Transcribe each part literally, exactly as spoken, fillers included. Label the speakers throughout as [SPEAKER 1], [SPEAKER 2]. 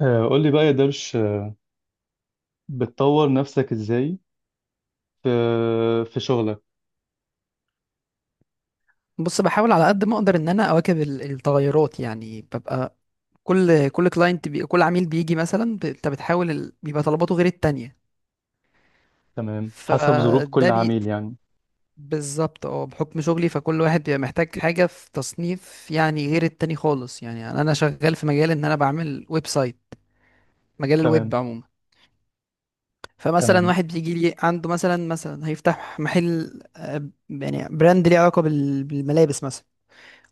[SPEAKER 1] آه، قول لي بقى يا درش، آه، بتطور نفسك ازاي في في شغلك.
[SPEAKER 2] بص، بحاول على قد ما اقدر ان انا اواكب ال- التغيرات. يعني ببقى كل كل كلاينت بي... كل عميل بيجي مثلا، ب- انت بتحاول ال... بيبقى طلباته غير التانية.
[SPEAKER 1] تمام، حسب ظروف كل
[SPEAKER 2] فده بي...
[SPEAKER 1] عميل يعني.
[SPEAKER 2] بالظبط، اه، بحكم شغلي فكل واحد بيبقى محتاج حاجة في تصنيف يعني غير التاني خالص. يعني انا أنا شغال في مجال ان انا بعمل ويب سايت، مجال
[SPEAKER 1] تمام،
[SPEAKER 2] الويب عموما. فمثلا
[SPEAKER 1] تمام،
[SPEAKER 2] واحد بيجي لي، عنده مثلا مثلا هيفتح محل، آه، يعني براند ليه علاقة بال... بالملابس مثلا.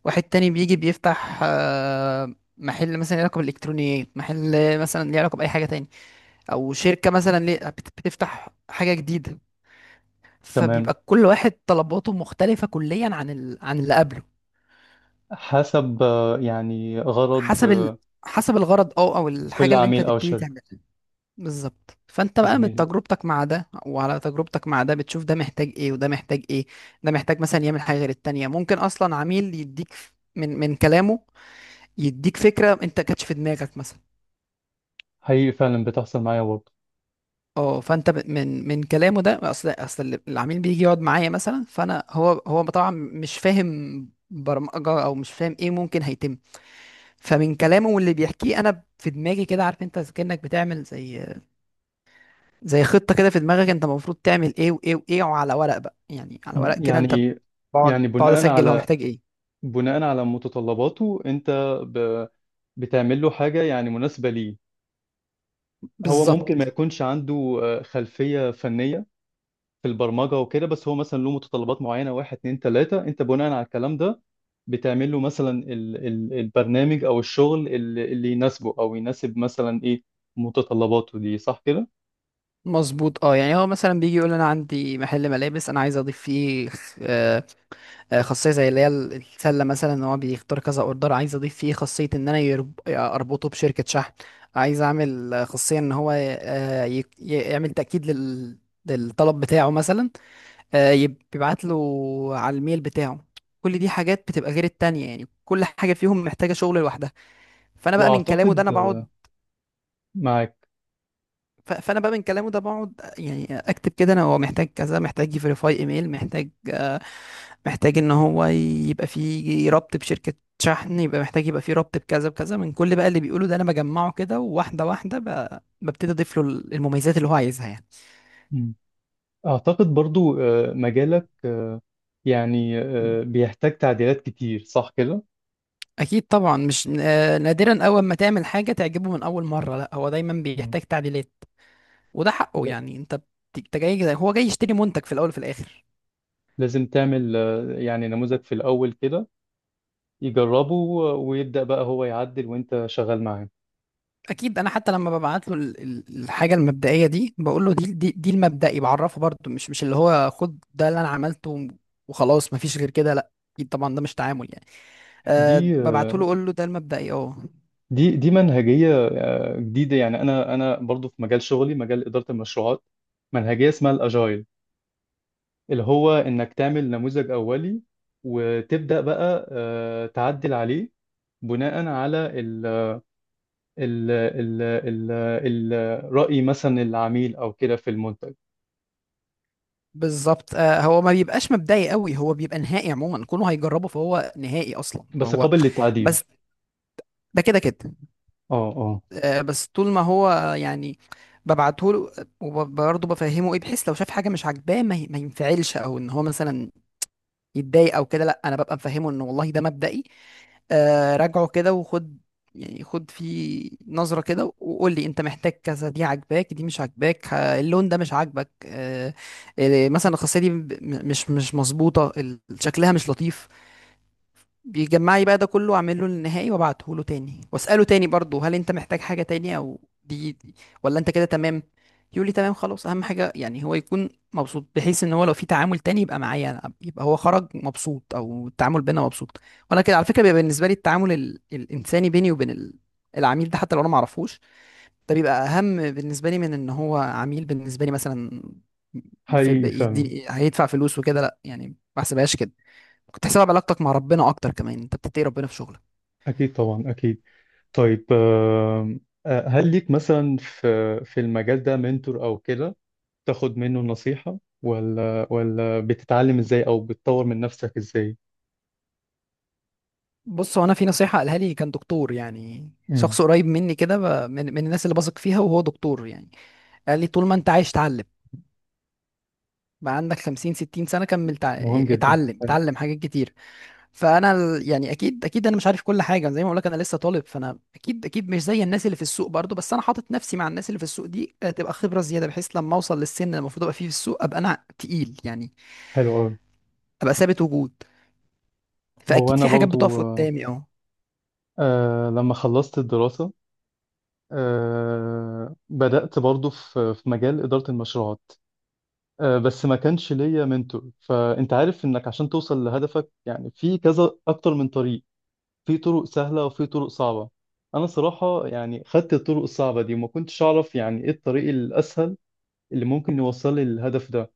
[SPEAKER 2] واحد تاني بيجي بيفتح آه، محل مثلا ليه علاقة بالإلكترونيات، محل مثلا ليه علاقة بأي حاجة تاني، أو شركة مثلا ليه بت- بتفتح حاجة جديدة.
[SPEAKER 1] تمام،
[SPEAKER 2] فبيبقى كل واحد طلباته مختلفة كليا عن ال... عن اللي قبله.
[SPEAKER 1] حسب آه، يعني غرض
[SPEAKER 2] حسب ال...
[SPEAKER 1] آه،
[SPEAKER 2] حسب الغرض أو أو
[SPEAKER 1] كل
[SPEAKER 2] الحاجة اللي أنت
[SPEAKER 1] عميل او
[SPEAKER 2] تبتدي
[SPEAKER 1] شركة.
[SPEAKER 2] تعملها. بالظبط، فأنت بقى من
[SPEAKER 1] جميل.
[SPEAKER 2] تجربتك مع ده وعلى تجربتك مع ده بتشوف ده محتاج إيه وده محتاج إيه. ده محتاج مثلا يعمل حاجة غير التانية. ممكن أصلا عميل يديك من من كلامه، يديك فكرة أنت كانتش في دماغك مثلا.
[SPEAKER 1] حقيقي، فعلا بتحصل معايا برضه.
[SPEAKER 2] اه، فانت ب- من من كلامه ده، اصل اصل العميل بيجي يقعد معايا مثلا، فانا هو هو طبعا مش فاهم برمجه او مش فاهم ايه ممكن هيتم. فمن كلامه واللي بيحكيه انا في دماغي كده عارف، انت كانك بتعمل زي زي خطه كده في دماغك، انت المفروض تعمل ايه وايه وايه، وعلى ورق بقى، يعني على ورق
[SPEAKER 1] م-
[SPEAKER 2] كده انت
[SPEAKER 1] يعني
[SPEAKER 2] بقعد
[SPEAKER 1] يعني
[SPEAKER 2] بقعد
[SPEAKER 1] بناء
[SPEAKER 2] اسجل هو
[SPEAKER 1] على
[SPEAKER 2] محتاج ايه.
[SPEAKER 1] بناء على متطلباته انت، ب... بتعمل له حاجة يعني مناسبة ليه. هو ممكن ما
[SPEAKER 2] بالظبط،
[SPEAKER 1] يكونش عنده آه، خلفية فنية في البرمجه وكده، بس هو مثلا له متطلبات معينه واحد اتنين تلاته، انت بناء على الكلام ده بتعمل له مثلا ال ال البرنامج او الشغل اللي, اللي يناسبه او يناسب مثلا ايه متطلباته دي، صح كده؟
[SPEAKER 2] مظبوط. اه، يعني هو مثلا بيجي يقول انا عندي محل ملابس، انا عايز اضيف فيه آه، خاصية زي اللي هي ال- السلة مثلا، ان هو بيختار كذا اوردر. عايز اضيف فيه خاصية ان انا يرب- اربطه بشركة شحن. عايز اعمل آه، خاصية ان هو آه، ي- ي- يعمل تأكيد لل... للطلب بتاعه مثلا، آه، يب- يبعت له على الميل بتاعه. كل دي حاجات بتبقى غير التانية، يعني كل حاجة فيهم محتاجة شغل لوحدها. فانا بقى من كلامه ده
[SPEAKER 1] واعتقد
[SPEAKER 2] انا بقعد.
[SPEAKER 1] معاك.
[SPEAKER 2] ف- فانا بقى من كلامه ده بقعد، آه، يعني اكتب كده انا هو محتاج كذا، محتاج يفيريفاي ايميل، محتاج آه، محتاج ان هو يبقى فيه ربط بشركة شحن، يبقى محتاج يبقى فيه ربط بكذا بكذا، من كل بقى اللي بيقوله ده انا بجمعه كده، وواحدة واحدة ب- ببتدي اضيف له المميزات اللي هو عايزها يعني.
[SPEAKER 1] مم. اعتقد برضو آه، مجالك، آه، يعني آه، بيحتاج تعديلات كتير، صح كده؟
[SPEAKER 2] اكيد طبعا، مش آه، نادرا اول ما تعمل حاجة تعجبه من اول مرة، لا، هو دايما
[SPEAKER 1] مم.
[SPEAKER 2] بيحتاج تعديلات. وده حقه
[SPEAKER 1] ل-
[SPEAKER 2] يعني. انت بت- انت جاي، هو جاي يشتري منتج في الاول وفي الاخر.
[SPEAKER 1] لازم تعمل آه، يعني نموذج في الاول كده يجربه، آه، ويبدأ بقى هو يعدل وانت شغال معاه.
[SPEAKER 2] اكيد، انا حتى لما ببعت له ال- ال- الحاجه المبدئيه دي، بقول له دي دي, دي المبدئي، بعرفه برضه، مش مش اللي هو خد ده اللي انا عملته وخلاص، مفيش غير كده، لا، اكيد طبعا ده مش تعامل يعني. أه،
[SPEAKER 1] دي
[SPEAKER 2] ببعته
[SPEAKER 1] آه،
[SPEAKER 2] له اقول له ده المبدئي، اه.
[SPEAKER 1] دي دي منهجية آه، جديدة، يعني أنا أنا برضو في مجال شغلي مجال إدارة المشروعات. منهجية اسمها الأجايل، اللي هو إنك تعمل نموذج أولي وتبدأ بقى آه، تعدل عليه بناء على ال ال ال ال ال رأي مثلا العميل أو كده في المنتج.
[SPEAKER 2] بالظبط، أه، هو ما بيبقاش مبدئي قوي، هو بيبقى نهائي عموما، كونه هيجربه فهو نهائي اصلا.
[SPEAKER 1] بس
[SPEAKER 2] فهو
[SPEAKER 1] قابل للتعديل.
[SPEAKER 2] بس ده كده كده.
[SPEAKER 1] اه، اه.
[SPEAKER 2] أه، بس طول ما هو يعني ببعته له، وبرضه بفهمه ايه، بحيث لو شاف حاجه مش عاجباه ما ي- ما ينفعلش، او ان هو مثلا يتضايق او كده، لا، انا ببقى مفهمه ان والله ده مبدئي. آه، راجعه كده وخد، يعني خد فيه نظرة كده وقول لي انت محتاج كذا، دي عاجباك، دي مش عاجباك، ه- اللون ده مش عاجبك، آه، آه، مثلا الخاصية دي ب- م- مش مش مظبوطة، ال- شكلها مش لطيف. بيجمع لي بقى ده كله، واعمل له النهائي وابعته له تاني، واساله تاني برضه هل انت محتاج حاجه تاني، او دي, دي، ولا انت كده تمام. يقول لي تمام خلاص. اهم حاجه يعني هو يكون مبسوط، بحيث ان هو لو في تعامل تاني يبقى معايا انا، يبقى هو خرج مبسوط، او التعامل بينا مبسوط. وانا كده على فكره بيبقى بالنسبه لي التعامل ال... الانساني بيني وبين ال... العميل ده، حتى لو انا ما اعرفوش، ده بيبقى اهم بالنسبه لي من ان هو عميل بالنسبه لي مثلا، في...
[SPEAKER 1] حقيقي فعلا.
[SPEAKER 2] بيدي- هيدفع فلوس وكده، لا يعني ما بحسبهاش كده. كنت حساب علاقتك مع ربنا اكتر كمان، انت بتتقي ربنا في شغلك.
[SPEAKER 1] أكيد طبعا، أكيد. طيب، آم، آه، هل ليك مثلا في في المجال ده منتور او كده، تاخد منه نصيحة ولا ولا بتتعلم ازاي او بتطور من نفسك ازاي؟
[SPEAKER 2] بص، هو انا في نصيحه قالها لي، كان دكتور يعني
[SPEAKER 1] امم.
[SPEAKER 2] شخص قريب مني كده، ب- من, من الناس اللي بثق فيها وهو دكتور يعني، قال لي طول ما انت عايش اتعلم. بقى عندك خمسين ستين سنه كمل، تع-
[SPEAKER 1] مهم جدا،
[SPEAKER 2] اتعلم
[SPEAKER 1] طيب.
[SPEAKER 2] اتعلم حاجات كتير. فانا ال- يعني اكيد اكيد انا مش عارف كل حاجه، زي ما بقول لك انا لسه طالب، فانا اكيد اكيد مش زي الناس اللي في السوق برضو، بس انا حاطط نفسي مع الناس اللي في السوق دي، آه، تبقى خبره زياده، بحيث لما اوصل للسن اللي المفروض ابقى فيه في السوق ابقى انا تقيل يعني،
[SPEAKER 1] حلو قوي.
[SPEAKER 2] ابقى ثابت وجود.
[SPEAKER 1] هو
[SPEAKER 2] فاكيد
[SPEAKER 1] انا
[SPEAKER 2] في حاجات
[SPEAKER 1] برضو،
[SPEAKER 2] بتقف
[SPEAKER 1] آه،
[SPEAKER 2] قدامي، اه.
[SPEAKER 1] آه، لما خلصت الدراسة، آه، بدأت برضو في في مجال إدارة المشروعات. آه، بس ما كانش ليا منتور، فانت عارف انك عشان توصل لهدفك يعني في كذا اكتر من طريق. في طرق سهلة وفي طرق صعبة. أنا صراحة يعني خدت الطرق الصعبة دي، وما كنتش أعرف يعني إيه الطريق الأسهل اللي ممكن يوصل لي للهدف ده.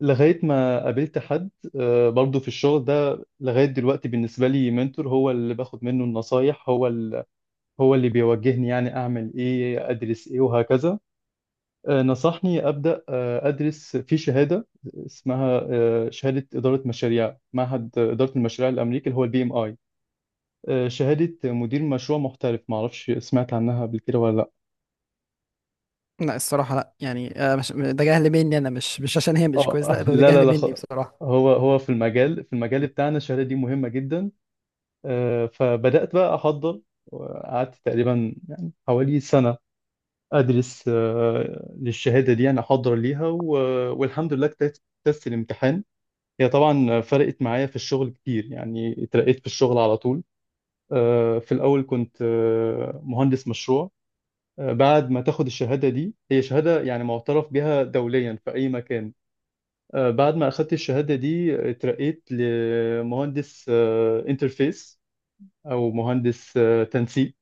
[SPEAKER 1] لغاية ما قابلت حد، آه، برضو في الشغل ده لغاية دلوقتي، بالنسبة لي منتور هو اللي باخد منه النصايح، هو ال- هو اللي بيوجهني يعني أعمل إيه أدرس إيه وهكذا. آه، نصحني أبدأ آه، أدرس في شهادة اسمها آه، شهادة إدارة مشاريع معهد إدارة المشاريع الأمريكي، اللي هو البي إم آي. آه، شهادة مدير مشروع محترف، معرفش سمعت عنها قبل كده ولا لا؟
[SPEAKER 2] لا الصراحة لا، يعني آه، مش ده جهل مني، أنا مش مش عشان هي مش كويس،
[SPEAKER 1] اه.
[SPEAKER 2] لا ده ده
[SPEAKER 1] لا، لا،
[SPEAKER 2] جهل
[SPEAKER 1] لا،
[SPEAKER 2] مني
[SPEAKER 1] خ-
[SPEAKER 2] بصراحة.
[SPEAKER 1] هو هو في المجال في المجال بتاعنا الشهادة دي مهمة جدا. آه، فبدأت بقى أحضر، وقعدت تقريبا يعني حوالي سنة أدرس آه، للشهادة دي، يعني أحضر ليها و- والحمد لله، اجتزت اجتزت الامتحان. هي طبعا فرقت معايا في الشغل كتير، يعني اترقيت في الشغل على طول. آه، في الأول كنت آه، مهندس مشروع. آه، بعد ما تاخد الشهادة دي، هي شهادة يعني معترف بها دوليا في أي مكان. آه، بعد ما أخدت الشهادة دي، آه، اترقيت لمهندس انترفيس أو مهندس آه، تنسيق.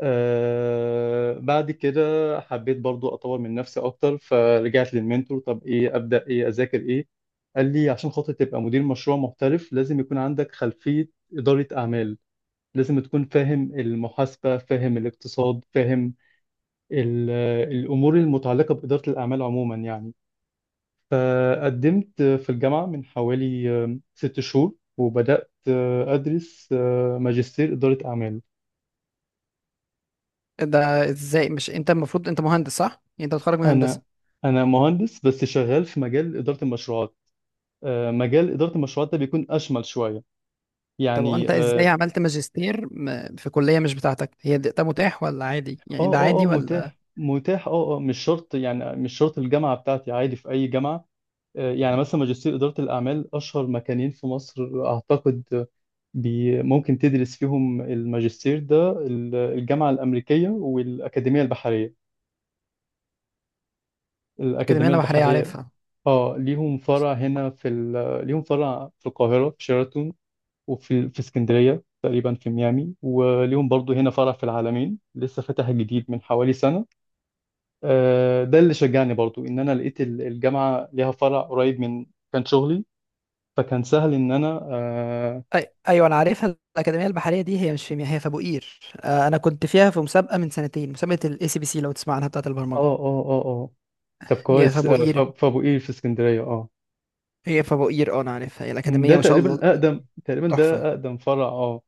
[SPEAKER 1] آه، بعد كده حبيت برضو أطور من نفسي أكتر، فرجعت للمنتور. طب إيه؟ أبدأ إيه؟ أذاكر إيه؟ قال لي عشان خاطر تبقى مدير مشروع محترف لازم يكون عندك خلفية إدارة أعمال. لازم تكون فاهم المحاسبة، فاهم الاقتصاد، فاهم ال- الأمور المتعلقة بإدارة الأعمال عموما يعني. فقدمت في الجامعة من حوالي ست شهور، وبدأت آه، أدرس آه، ماجستير إدارة أعمال.
[SPEAKER 2] ده إزاي، مش أنت المفروض أنت مهندس صح؟ يعني أنت متخرج من هندسة.
[SPEAKER 1] أنا أنا مهندس، بس شغال في مجال إدارة المشروعات. آه، مجال إدارة المشروعات ده بيكون أشمل شوية
[SPEAKER 2] طب
[SPEAKER 1] يعني.
[SPEAKER 2] وأنت إزاي
[SPEAKER 1] آه،
[SPEAKER 2] عملت ماجستير م- في كلية مش بتاعتك؟ هي ده ده متاح ولا عادي؟ يعني
[SPEAKER 1] آه،
[SPEAKER 2] ده
[SPEAKER 1] آه، آه،
[SPEAKER 2] عادي ولا؟
[SPEAKER 1] متاح، متاح، آه آه مش شرط يعني مش شرط الجامعة بتاعتي، عادي في أي جامعة. يعني مثلا ماجستير إدارة الأعمال أشهر مكانين في مصر أعتقد. بي ممكن تدرس فيهم الماجستير ده، ال- الجامعة الأمريكية والأكاديمية البحرية.
[SPEAKER 2] الأكاديمية
[SPEAKER 1] الأكاديمية
[SPEAKER 2] البحرية
[SPEAKER 1] البحرية.
[SPEAKER 2] عارفها؟
[SPEAKER 1] آه، ليهم فرع هنا في ال... ليهم فرع في القاهرة في شيراتون. وفي في اسكندرية تقريبا في ميامي، وليهم برضو هنا فرع في العالمين لسه فتح جديد من حوالي سنة. آه، ده اللي شجعني برضو إن أنا لقيت ال- الجامعة ليها فرع قريب من كان شغلي. فكان سهل ان انا آه
[SPEAKER 2] أي... ايوه انا عارفها، الاكاديميه البحريه دي هي مش في مياه، هي في ابو قير. آه، انا كنت فيها في مسابقه من سنتين، مسابقه الاي سي بي سي لو تسمع عنها، بتاعه البرمجه.
[SPEAKER 1] اه، اه، اه، اه، طب
[SPEAKER 2] هي في
[SPEAKER 1] كويس،
[SPEAKER 2] ابو
[SPEAKER 1] آه، ف-
[SPEAKER 2] قير،
[SPEAKER 1] فابو قير في اسكندريه، اه.
[SPEAKER 2] هي في ابو قير، اه انا عارفها، هي
[SPEAKER 1] ده
[SPEAKER 2] الاكاديميه ما شاء الله،
[SPEAKER 1] تقريبا اقدم تقريبا
[SPEAKER 2] تحفه.
[SPEAKER 1] ده اقدم فرع، اه.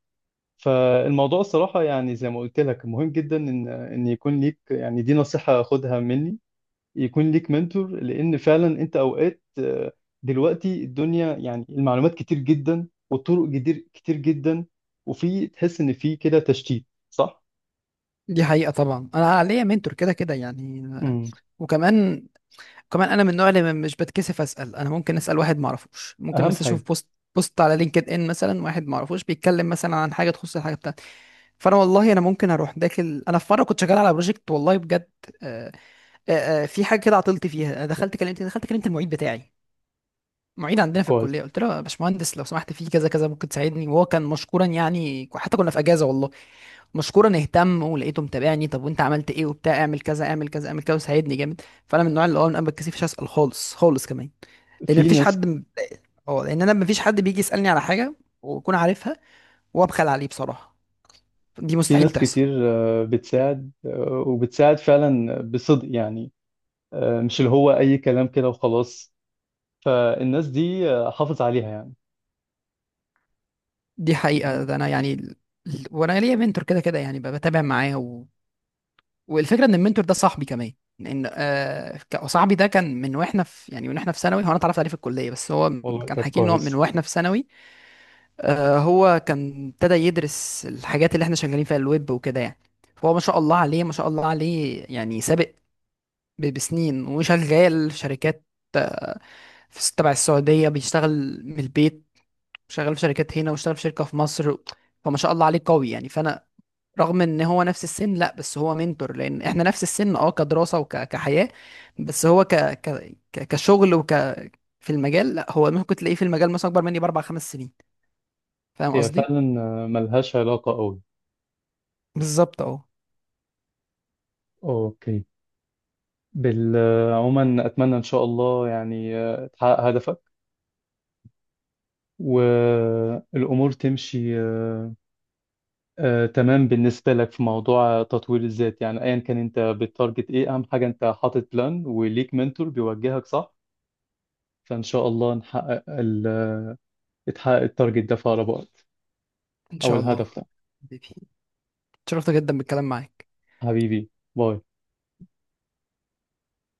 [SPEAKER 1] فالموضوع الصراحه، يعني زي ما قلت لك، مهم جدا ان ان يكون ليك يعني، دي نصيحه خدها مني. يكون ليك منتور، لان فعلا انت اوقات، آه، دلوقتي الدنيا يعني المعلومات كتير جدا، والطرق كتير كتير جدا. وفي تحس ان في كده تشتيت، صح؟
[SPEAKER 2] دي حقيقة طبعا، أنا ليا منتور كده كده يعني،
[SPEAKER 1] امم.
[SPEAKER 2] وكمان كمان أنا من النوع اللي م- مش بتكسف أسأل. أنا ممكن أسأل واحد ما أعرفوش، ممكن
[SPEAKER 1] اهم
[SPEAKER 2] مثلا أشوف
[SPEAKER 1] حاجه.
[SPEAKER 2] بوست بوست على لينكد إن، مثلا واحد ما أعرفوش بيتكلم مثلا عن حاجة تخص الحاجة بتاعتي، فأنا والله أنا ممكن أروح داخل. أنا في مرة كنت شغال على بروجكت، والله بجد، آه، آه، آه، في حاجة كده عطلت فيها، دخلت كلمت، دخلت كلمت المعيد بتاعي، معيد عندنا في
[SPEAKER 1] كويس.
[SPEAKER 2] الكلية، قلت له يا باشمهندس لو سمحت في كذا كذا، ممكن تساعدني. وهو كان مشكورا يعني، حتى كنا في أجازة والله، مشكورا اهتم ولقيته متابعني، طب وانت عملت ايه وبتاع اعمل كذا اعمل كذا اعمل كذا، وساعدني جامد. فانا من النوع اللي هو انا ما بتكسفش اسال خالص خالص، كمان لان
[SPEAKER 1] في
[SPEAKER 2] مفيش
[SPEAKER 1] ناس
[SPEAKER 2] حد م- اه لان انا مفيش حد بيجي يسالني على حاجه واكون عارفها وابخل عليه بصراحه، دي
[SPEAKER 1] في
[SPEAKER 2] مستحيل
[SPEAKER 1] ناس
[SPEAKER 2] تحصل.
[SPEAKER 1] كتير آه، بتساعد، آه، وبتساعد فعلا بصدق يعني. آه، مش اللي هو أي كلام كده وخلاص. فالناس دي، آه، حافظ عليها يعني.
[SPEAKER 2] دي حقيقه
[SPEAKER 1] لأنه.
[SPEAKER 2] ده انا يعني ال- ال- وانا ليا منتور كده كده يعني، ب- بتابع معاه و... والفكره ان المنتور ده صاحبي كمان. لان آه ك- صاحبي ده كان من واحنا في يعني من واحنا في ثانوي، هو انا اتعرفت عليه في الكليه بس هو
[SPEAKER 1] والله،
[SPEAKER 2] كان
[SPEAKER 1] طب
[SPEAKER 2] حكي لي ان هو من
[SPEAKER 1] كويس.
[SPEAKER 2] واحنا في ثانوي، آه، هو كان ابتدى يدرس الحاجات اللي احنا شغالين فيها الويب وكده يعني. فهو ما شاء الله عليه ما شاء الله عليه يعني سابق ب- بسنين، وشغال في شركات في س- تبع السعودية بيشتغل من البيت، شغال في شركات هنا، واشتغل في شركة في مصر، فما شاء الله عليه قوي يعني. فأنا رغم ان هو نفس السن، لا بس هو منتور، لان احنا نفس السن اه كدراسة وكحياة، بس هو ك... ك... ك- كشغل وك في المجال، لا هو ممكن تلاقيه في المجال مثلا اكبر مني باربع خمس سنين، فاهم
[SPEAKER 1] هي
[SPEAKER 2] قصدي؟
[SPEAKER 1] فعلا، آه، ملهاش علاقة قوي.
[SPEAKER 2] بالظبط اهو.
[SPEAKER 1] اوكي، بال- آه، عموما أتمنى إن شاء الله يعني آه، تحقق هدفك. والأمور تمشي، آه، آه، تمام. بالنسبة لك في موضوع تطوير الذات يعني، أيا كان أنت بتارجت إيه، أهم حاجة أنت حاطط بلان وليك منتور بيوجهك، صح. فإن شاء الله نحقق ال... يتحقق التارجت ده في أقرب وقت.
[SPEAKER 2] ان
[SPEAKER 1] أو
[SPEAKER 2] شاء الله.
[SPEAKER 1] الهدف ده.
[SPEAKER 2] حبيبي، اتشرفت جدا بالكلام معاك.
[SPEAKER 1] حبيبي. باي.